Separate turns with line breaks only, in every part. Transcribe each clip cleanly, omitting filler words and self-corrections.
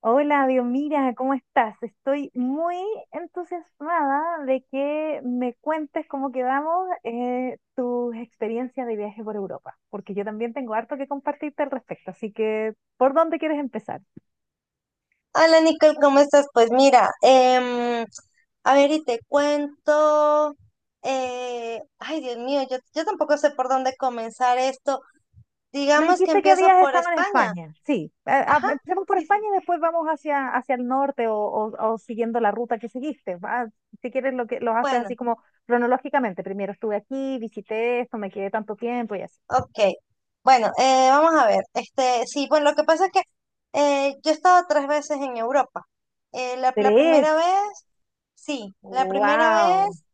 Hola, Dios, mira, ¿cómo estás? Estoy muy entusiasmada de que me cuentes cómo quedamos tus experiencias de viaje por Europa, porque yo también tengo harto que compartirte al respecto, así que, ¿por dónde quieres empezar?
Hola Nicole, ¿cómo estás? Pues mira, a ver y te cuento. Ay, Dios mío, yo tampoco sé por dónde comenzar esto.
Me
Digamos que
dijiste que
empiezo
habías
por
estado en
España.
España, sí,
Ajá,
empecemos por
sí,
España
sí.
y después vamos hacia el norte o siguiendo la ruta que seguiste. Si quieres, lo que los haces
Bueno,
así como cronológicamente, primero estuve aquí, visité esto, me quedé tanto tiempo y así.
ok. Bueno, vamos a ver. Sí, bueno, lo que pasa es que yo he estado tres veces en Europa. La
Tres.
primera vez, sí, la primera
Wow,
vez.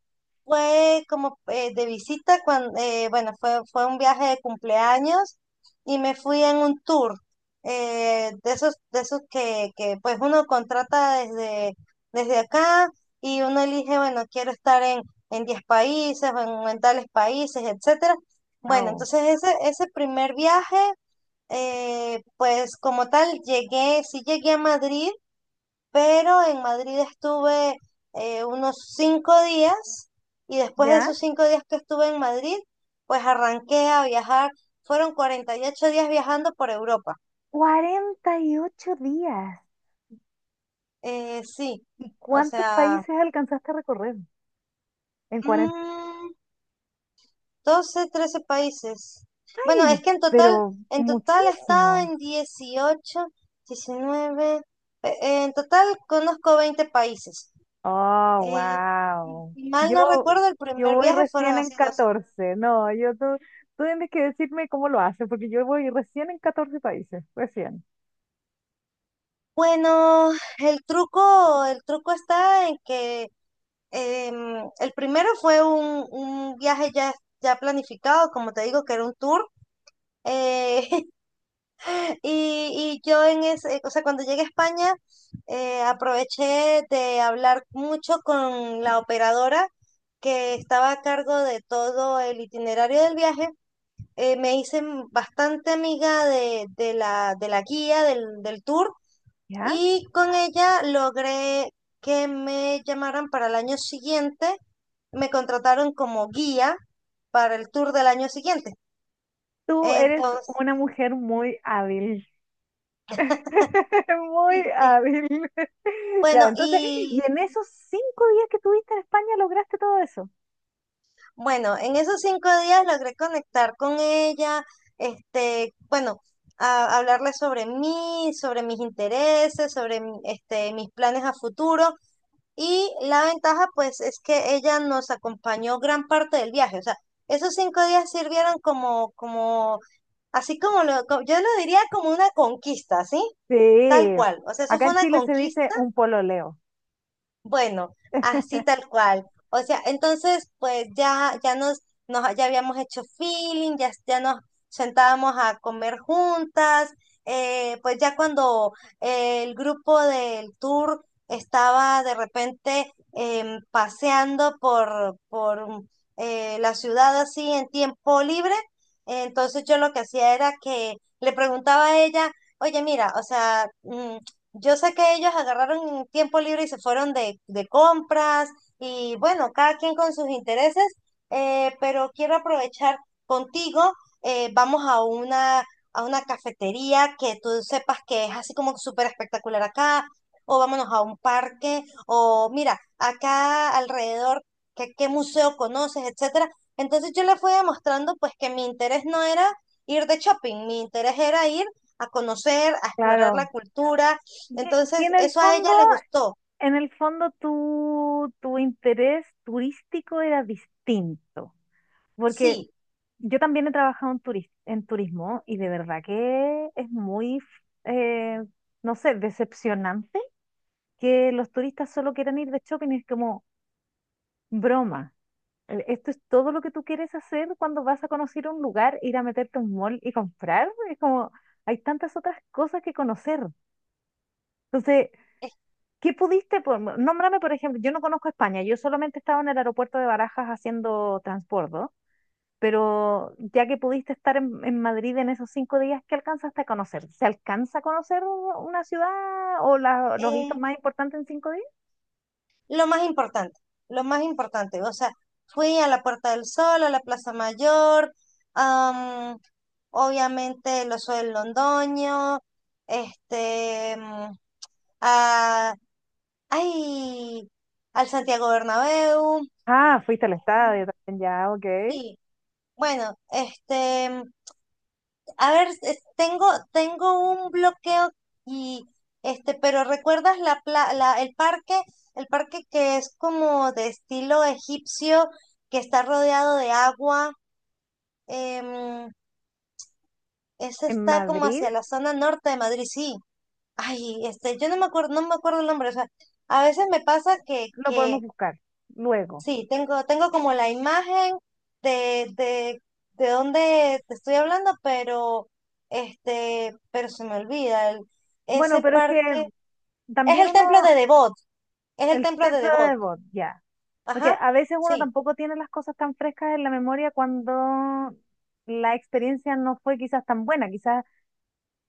Fue como de visita, cuando, bueno, fue un viaje de cumpleaños y me fui en un tour, de esos, que pues uno contrata desde, acá, y uno elige, bueno, quiero estar en, 10 países, o en, tales países, etcétera. Bueno,
wow.
entonces ese primer viaje, pues como tal, sí, llegué a Madrid, pero en Madrid estuve unos 5 días, y después de
¿Ya?
esos 5 días que estuve en Madrid, pues arranqué a viajar. Fueron 48 días viajando por Europa.
48 días.
Sí,
¿Y
o
cuántos
sea,
países alcanzaste a recorrer? ¿En 40?
mm, 12, 13 países. Bueno, es
¡Ay!
que en total,
Pero
he estado
muchísimo.
en 18, 19. En total conozco 20 países.
Oh,
Eh,
wow.
si mal
Yo,
no recuerdo, el
yo
primer
voy
viaje fueron
recién en
así 12.
14. No, tú tienes que decirme cómo lo haces, porque yo voy recién en 14 países, recién.
Bueno, el truco está en que el primero fue un, viaje ya, ya planificado, como te digo, que era un tour. eh, y yo en ese, o sea, cuando llegué a España, aproveché de hablar mucho con la operadora que estaba a cargo de todo el itinerario del viaje. Me hice bastante amiga de la guía del tour,
¿Ya?
y con ella logré que me llamaran para el año siguiente. Me contrataron como guía para el tour del año siguiente.
Tú eres
Entonces,
una mujer muy hábil. Muy
sí,
hábil. Ya,
bueno,
entonces, y
y
en esos 5 días que tuviste en España lograste todo eso.
bueno, en esos 5 días logré conectar con ella, bueno, hablarle sobre mí, sobre mis intereses, sobre mis planes a futuro. Y la ventaja, pues, es que ella nos acompañó gran parte del viaje. O sea, esos 5 días sirvieron así yo lo diría como una conquista, ¿sí? Tal
Sí.
cual. O sea, eso
Acá
fue
en
una
Chile se dice
conquista,
un pololeo.
bueno, así tal cual. O sea, entonces, pues ya, ya habíamos hecho feeling, ya, nos sentábamos a comer juntas. Pues ya cuando el grupo del tour estaba de repente, paseando por, la ciudad así en tiempo libre, entonces yo lo que hacía era que le preguntaba a ella: oye, mira, o sea, yo sé que ellos agarraron tiempo libre y se fueron de compras, y bueno, cada quien con sus intereses, pero quiero aprovechar contigo, vamos a una cafetería que tú sepas que es así como súper espectacular acá, o vámonos a un parque, o mira, acá alrededor, ¿qué museo conoces, etcétera? Entonces yo le fui demostrando pues que mi interés no era ir de shopping, mi interés era ir a conocer, a explorar la
Claro.
cultura.
Que
Entonces, eso a ella le gustó.
en el fondo tu interés turístico era distinto. Porque
Sí,
yo también he trabajado en turismo y de verdad que es muy, eh, no sé, decepcionante que los turistas solo quieran ir de shopping. Es como broma. Esto es todo lo que tú quieres hacer cuando vas a conocer un lugar, ir a meterte a un mall y comprar. Es como, hay tantas otras cosas que conocer. Entonces,
es
¿qué pudiste? Nómbrame, por ejemplo, yo no conozco España, yo solamente estaba en el aeropuerto de Barajas haciendo transbordo, pero ya que pudiste estar en Madrid en esos cinco días, ¿qué alcanzaste a conocer? ¿Se alcanza a conocer una ciudad o los hitos
eh,
más importantes en 5 días?
lo más importante, lo más importante, o sea, fui a la Puerta del Sol, a la Plaza Mayor, am, obviamente el Oso del Londoño, este, mm, a, ay, al Santiago Bernabéu,
Ah, fuiste al estadio también, ya, ok.
sí, bueno, a ver, tengo un bloqueo. y pero ¿recuerdas el parque? El parque que es como de estilo egipcio, que está rodeado de agua. em, Ese
En
está como
Madrid
hacia la zona norte de Madrid, sí. Ay, yo no me acuerdo, no me acuerdo el nombre. O sea, a veces me pasa que,
lo podemos buscar luego.
sí, tengo, como la imagen de, de dónde te estoy hablando, pero pero se me olvida.
Bueno,
Ese
pero es que
parque es
también
el templo
uno,
de Devot, es el
el
templo de
templo de
Devot.
Debod, ya. Porque
Ajá,
a veces uno
sí.
tampoco tiene las cosas tan frescas en la memoria cuando la experiencia no fue quizás tan buena. Quizás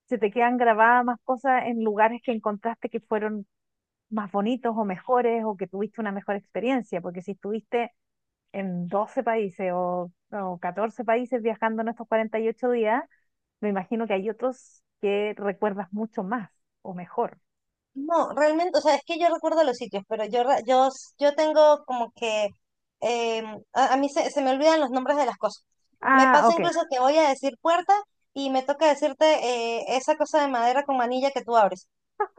se te quedan grabadas más cosas en lugares que encontraste que fueron más bonitos o mejores o que tuviste una mejor experiencia. Porque si estuviste en 12 países o 14 países viajando en estos 48 días, me imagino que hay otros que recuerdas mucho más o mejor.
No, realmente, o sea, es que yo recuerdo los sitios, pero yo, yo tengo como que em, a, mí se, me olvidan los nombres de las cosas. Me
Ah,
pasa
ok.
incluso que voy a decir puerta, y me toca decirte esa cosa de madera con manilla que tú abres.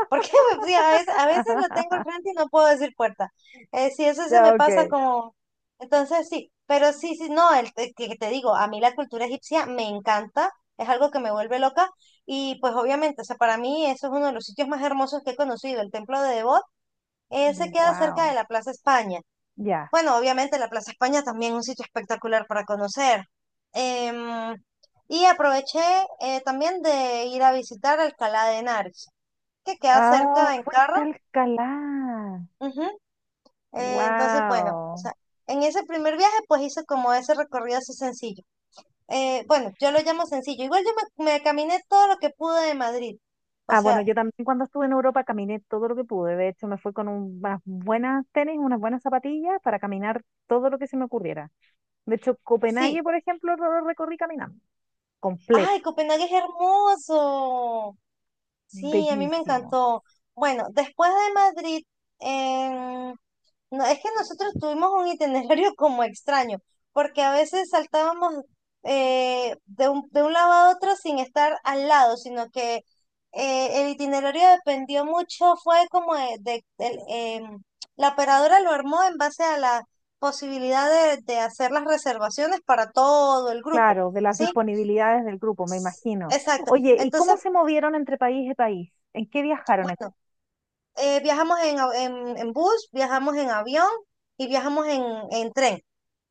Porque pues, sí, a veces, lo tengo al frente y no puedo decir puerta. Si eso se
Ya,
me pasa
ok.
como... Entonces sí, pero sí, sí, no, el, que te digo, a mí la cultura egipcia me encanta, es algo que me vuelve loca, y pues obviamente, o sea, para mí eso es uno de los sitios más hermosos que he conocido, el templo de Debod. Se queda cerca
Wow.
de la Plaza España.
Ya.
Bueno, obviamente la Plaza España también es un sitio espectacular para conocer. Em, y aproveché, también, de ir a visitar Alcalá de Henares, que queda
Ah,
cerca en
fuiste a
carro.
Alcalá.
Ujú. Entonces, bueno, o
Wow.
sea, en ese primer viaje, pues hice como ese recorrido así sencillo. Bueno, yo lo llamo sencillo. Igual yo me, caminé todo lo que pude de Madrid. O
Ah, bueno,
sea,
yo también cuando estuve en Europa caminé todo lo que pude. De hecho, me fui con unas buenas tenis, unas buenas zapatillas para caminar todo lo que se me ocurriera. De hecho, Copenhague,
sí.
por ejemplo, lo recorrí caminando, completo,
¡Ay, Copenhague es hermoso! Sí, a mí me
bellísimo.
encantó. Bueno, después de Madrid, no, es que nosotros tuvimos un itinerario como extraño, porque a veces saltábamos de un lado a otro sin estar al lado, sino que el itinerario dependió mucho, fue como de, la operadora lo armó en base a la posibilidad de, hacer las reservaciones para todo el grupo,
Claro, de las
¿sí?
disponibilidades del grupo, me imagino.
Exacto.
Oye, ¿y cómo
Entonces,
se movieron entre país y país? ¿En qué viajaron?
bueno, viajamos en, en bus, viajamos en avión, y viajamos en, tren.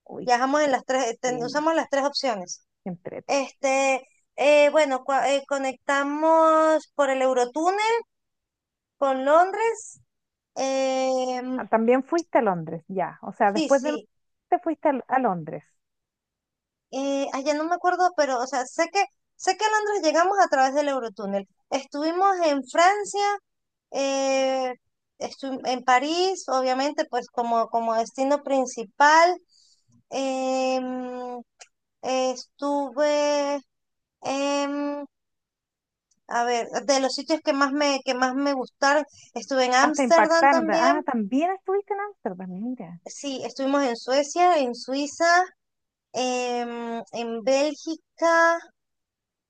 Uy,
Viajamos en las tres,
qué lindo,
usamos las tres opciones.
qué entrete.
Este, bueno, conectamos por el Eurotúnel con Londres. em,
Ah, también fuiste a Londres, ya. O sea,
sí,
después de
sí.
te fuiste a Londres.
Ay, ya no me acuerdo, pero, o sea, sé que, a Londres llegamos a través del Eurotúnel. Estuvimos en Francia, eh, en París, obviamente, pues como, destino principal. Em, Estuve. em, A ver, de los sitios que más me gustaron, estuve en
Hasta
Ámsterdam
impactarte. Ah,
también,
también estuviste en Ámsterdam, mira.
sí, estuvimos en Suecia, en Suiza, en Bélgica,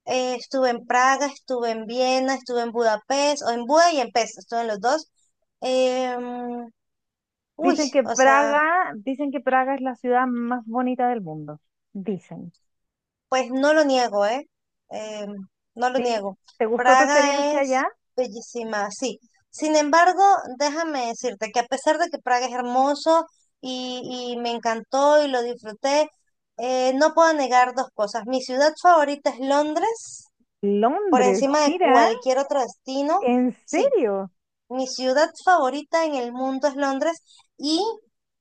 estuve en Praga, estuve en Viena, estuve en Budapest, o en Buda y en Pest, estuve en los dos. Em, uy, o sea,
Dicen que Praga es la ciudad más bonita del mundo. Dicen.
pues no lo niego, ¿eh? Eh, no lo
¿Sí?
niego.
¿Te gustó tu
Praga
experiencia allá?
es bellísima, sí. Sin embargo, déjame decirte que a pesar de que Praga es hermoso, y, me encantó y lo disfruté, no puedo negar dos cosas. Mi ciudad favorita es Londres, por
Londres,
encima de
mira,
cualquier otro destino.
¿en
Sí,
serio?
mi ciudad favorita en el mundo es Londres, y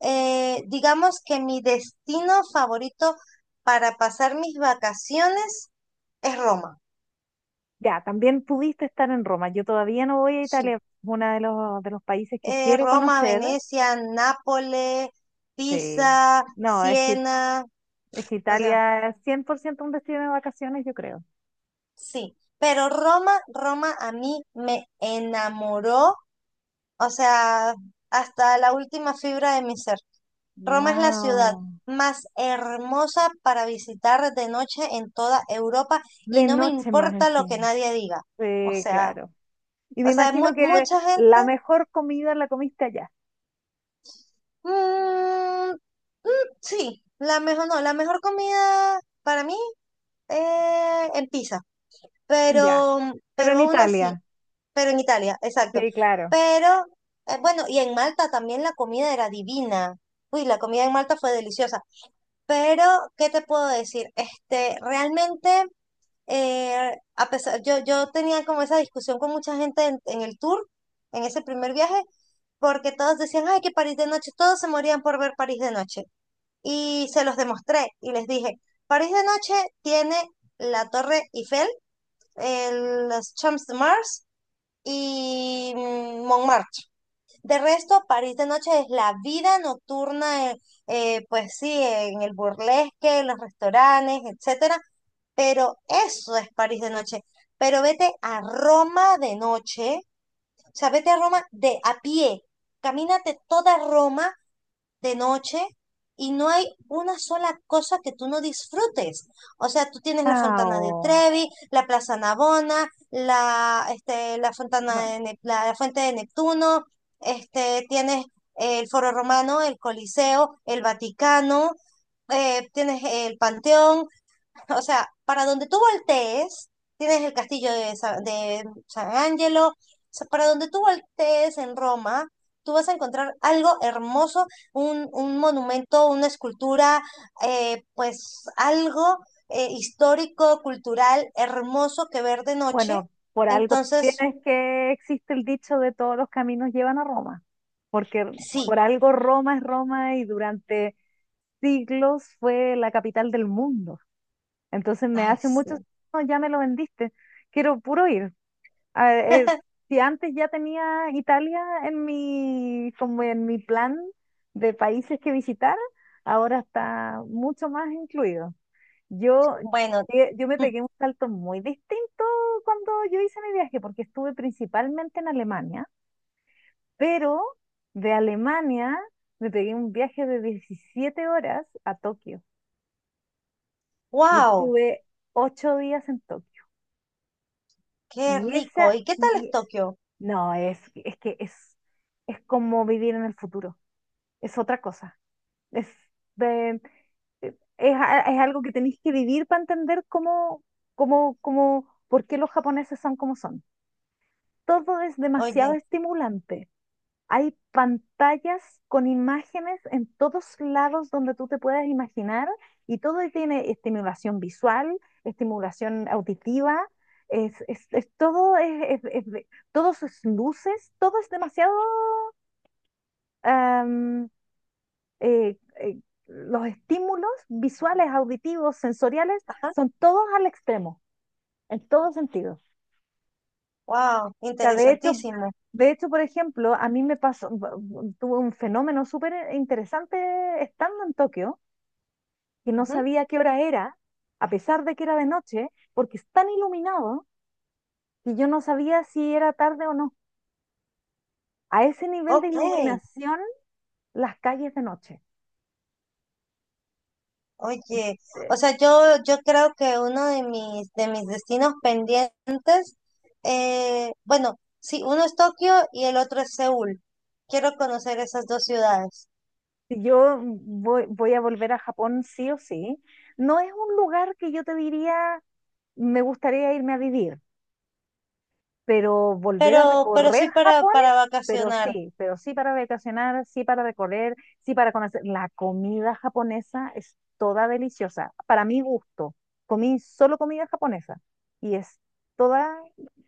digamos que mi destino favorito para pasar mis vacaciones es Roma,
Ya, también pudiste estar en Roma. Yo todavía no voy a
sí.
Italia, es uno de los países que quiero
Roma,
conocer.
Venecia, Nápoles,
Sí.
Pisa,
No, es que,
Siena,
es que
o sea,
Italia es 100% un destino de vacaciones, yo creo.
sí. Pero Roma, Roma a mí me enamoró, o sea, hasta la última fibra de mi ser. Roma es la ciudad
Wow,
más hermosa para visitar de noche en toda Europa, y
de
no me
noche más
importa lo que
encima.
nadie diga. O
Sí,
sea,
claro. Y me
o sea,
imagino que
mucha gente.
la mejor comida la comiste allá.
mm, Sí, la mejor, no, la mejor comida para mí, en pizza,
Ya.
pero,
Pero
pero
en
aún así,
Italia.
pero en Italia, exacto.
Sí, claro.
Pero, bueno, y en Malta también la comida era divina. Uy, la comida en Malta fue deliciosa. Pero ¿qué te puedo decir? Realmente, a pesar, yo, tenía como esa discusión con mucha gente en, el tour, en ese primer viaje, porque todos decían, ay, que París de noche, todos se morían por ver París de noche. Y se los demostré y les dije, París de noche tiene la Torre Eiffel, el, los Champs de Mars, y Montmartre. De resto, París de noche es la vida nocturna, pues sí, en el burlesque, en los restaurantes, etcétera, pero eso es París de noche. Pero vete a Roma de noche, o sea, vete a Roma de a pie, camínate toda Roma de noche, y no hay una sola cosa que tú no disfrutes. O sea, tú tienes la Fontana de
Wow.
Trevi, la Plaza Navona, la, la,
Bu-
la Fuente de Neptuno, tienes el Foro Romano, el Coliseo, el Vaticano, tienes el Panteón, o sea, para donde tú voltees, tienes el castillo de, de San Angelo, o sea, para donde tú voltees en Roma, tú vas a encontrar algo hermoso, un, monumento, una escultura, pues algo histórico, cultural, hermoso que ver de noche.
Bueno, por algo
Entonces,
tienes que existe el dicho de todos los caminos llevan a Roma, porque
sí,
por algo Roma es Roma y durante siglos fue la capital del mundo. Entonces me
ay,
hace mucho,
sí.
no, ya me lo vendiste. Quiero puro ir. a- eh, si antes ya tenía Italia en mi, como en mi plan de países que visitar, ahora está mucho más incluido. Yo,
Bueno,
yo me pegué un salto muy distinto cuando yo hice mi viaje, porque estuve principalmente en Alemania, pero de Alemania me pegué un viaje de 17 horas a Tokio y
wow,
estuve 8 días en Tokio.
qué
Y
rico.
esa,
¿Y qué tal es
y
Tokio?
No, es como vivir en el futuro. Es otra cosa. Es, de- es, a- es algo que tenéis que vivir para entender por qué los japoneses son como son. Todo es demasiado
Oye,
estimulante. Hay pantallas con imágenes en todos lados donde tú te puedas imaginar y todo tiene estimulación visual, estimulación auditiva. Es- todo es de- todos es luces, todo es demasiado am, eh, eh, los estímulos visuales, auditivos, sensoriales,
ajá,
son todos al extremo, en todo sentido. O
wow,
sea, de hecho,
interesantísimo.
por ejemplo, a mí me pasó, tuve un fenómeno súper interesante estando en Tokio, que no
Ujú,
sabía qué hora era, a pesar de que era de noche, porque es tan iluminado que yo no sabía si era tarde o no. A ese nivel de
ok.
iluminación, las calles de noche.
Oye,
Eh,
o sea, yo, creo que uno de mis destinos pendientes, bueno, sí, uno es Tokio y el otro es Seúl. Quiero conocer esas dos ciudades,
si Yo voy a volver a Japón sí o sí. No es un lugar que yo te diría, me gustaría irme a vivir pero volver a
pero,
recorrer
sí para,
Japón, pero
vacacionar.
sí, pero sí para vacacionar, sí para recorrer, sí para conocer. La comida japonesa es toda deliciosa, para mi gusto. Comí solo comida japonesa y es toda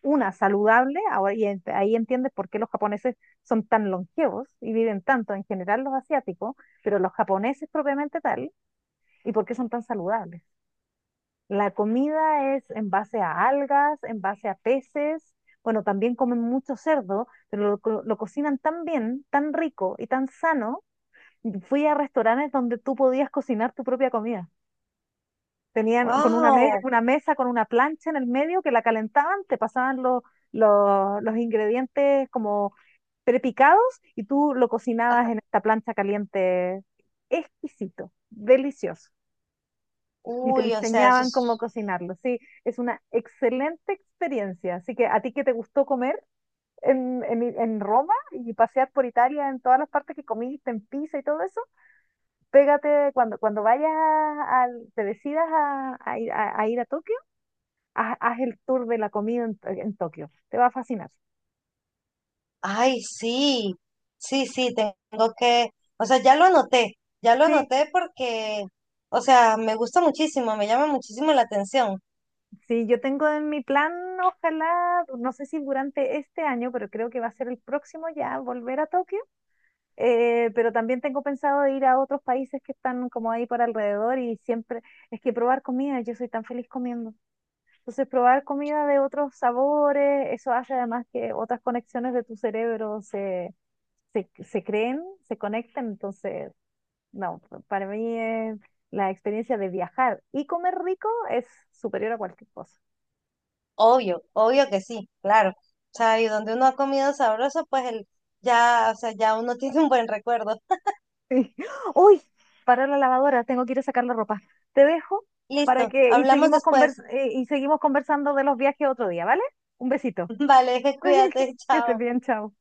una saludable. Ahora ahí entiendes por qué los japoneses son tan longevos y viven tanto en general los asiáticos, pero los japoneses propiamente tal y por qué son tan saludables. La comida es en base a algas, en base a peces. Bueno, también comen mucho cerdo, pero lo cocinan tan bien, tan rico y tan sano. Fui a restaurantes donde tú podías cocinar tu propia comida. Tenían con una, mes-
¡Wow!
una mesa con una plancha en el medio que la calentaban, te pasaban los ingredientes como prepicados y tú lo cocinabas
Ajá.
en esta plancha caliente. Exquisito, delicioso. Y te
Uy, o sea, eso
enseñaban cómo
es...
cocinarlo. Sí, es una excelente experiencia. Así que a ti que te gustó comer en Roma y pasear por Italia en todas las partes que comiste, en Pisa y todo eso, pégate cuando, cuando vayas, te decidas a ir a Tokio, haz el tour de la comida en Tokio. Te va a fascinar.
Ay, sí, sí, sí, tengo que... O sea, ya lo anoté,
Sí,
porque, o sea, me gusta muchísimo, me llama muchísimo la atención.
sí, yo tengo en mi plan, ojalá, no sé si durante este año, pero creo que va a ser el próximo ya, volver a Tokio. Pero también tengo pensado de ir a otros países que están como ahí por alrededor y siempre es que probar comida, yo soy tan feliz comiendo. Entonces, probar comida de otros sabores, eso hace además que otras conexiones de tu cerebro se creen, se conecten. Entonces, no, para mí la experiencia de viajar y comer rico es superior a cualquier cosa.
Obvio, obvio que sí, claro. O sea, y donde uno ha comido sabroso, pues el, ya, o sea, ya uno tiene un buen recuerdo.
Sí. Uy, para la lavadora, tengo que ir a sacar la ropa. Te dejo para
Listo,
que y
hablamos
seguimos
después.
y seguimos conversando de los viajes otro día, ¿vale? Un besito.
Vale, cuídate,
Que estés
chao.
bien, chao.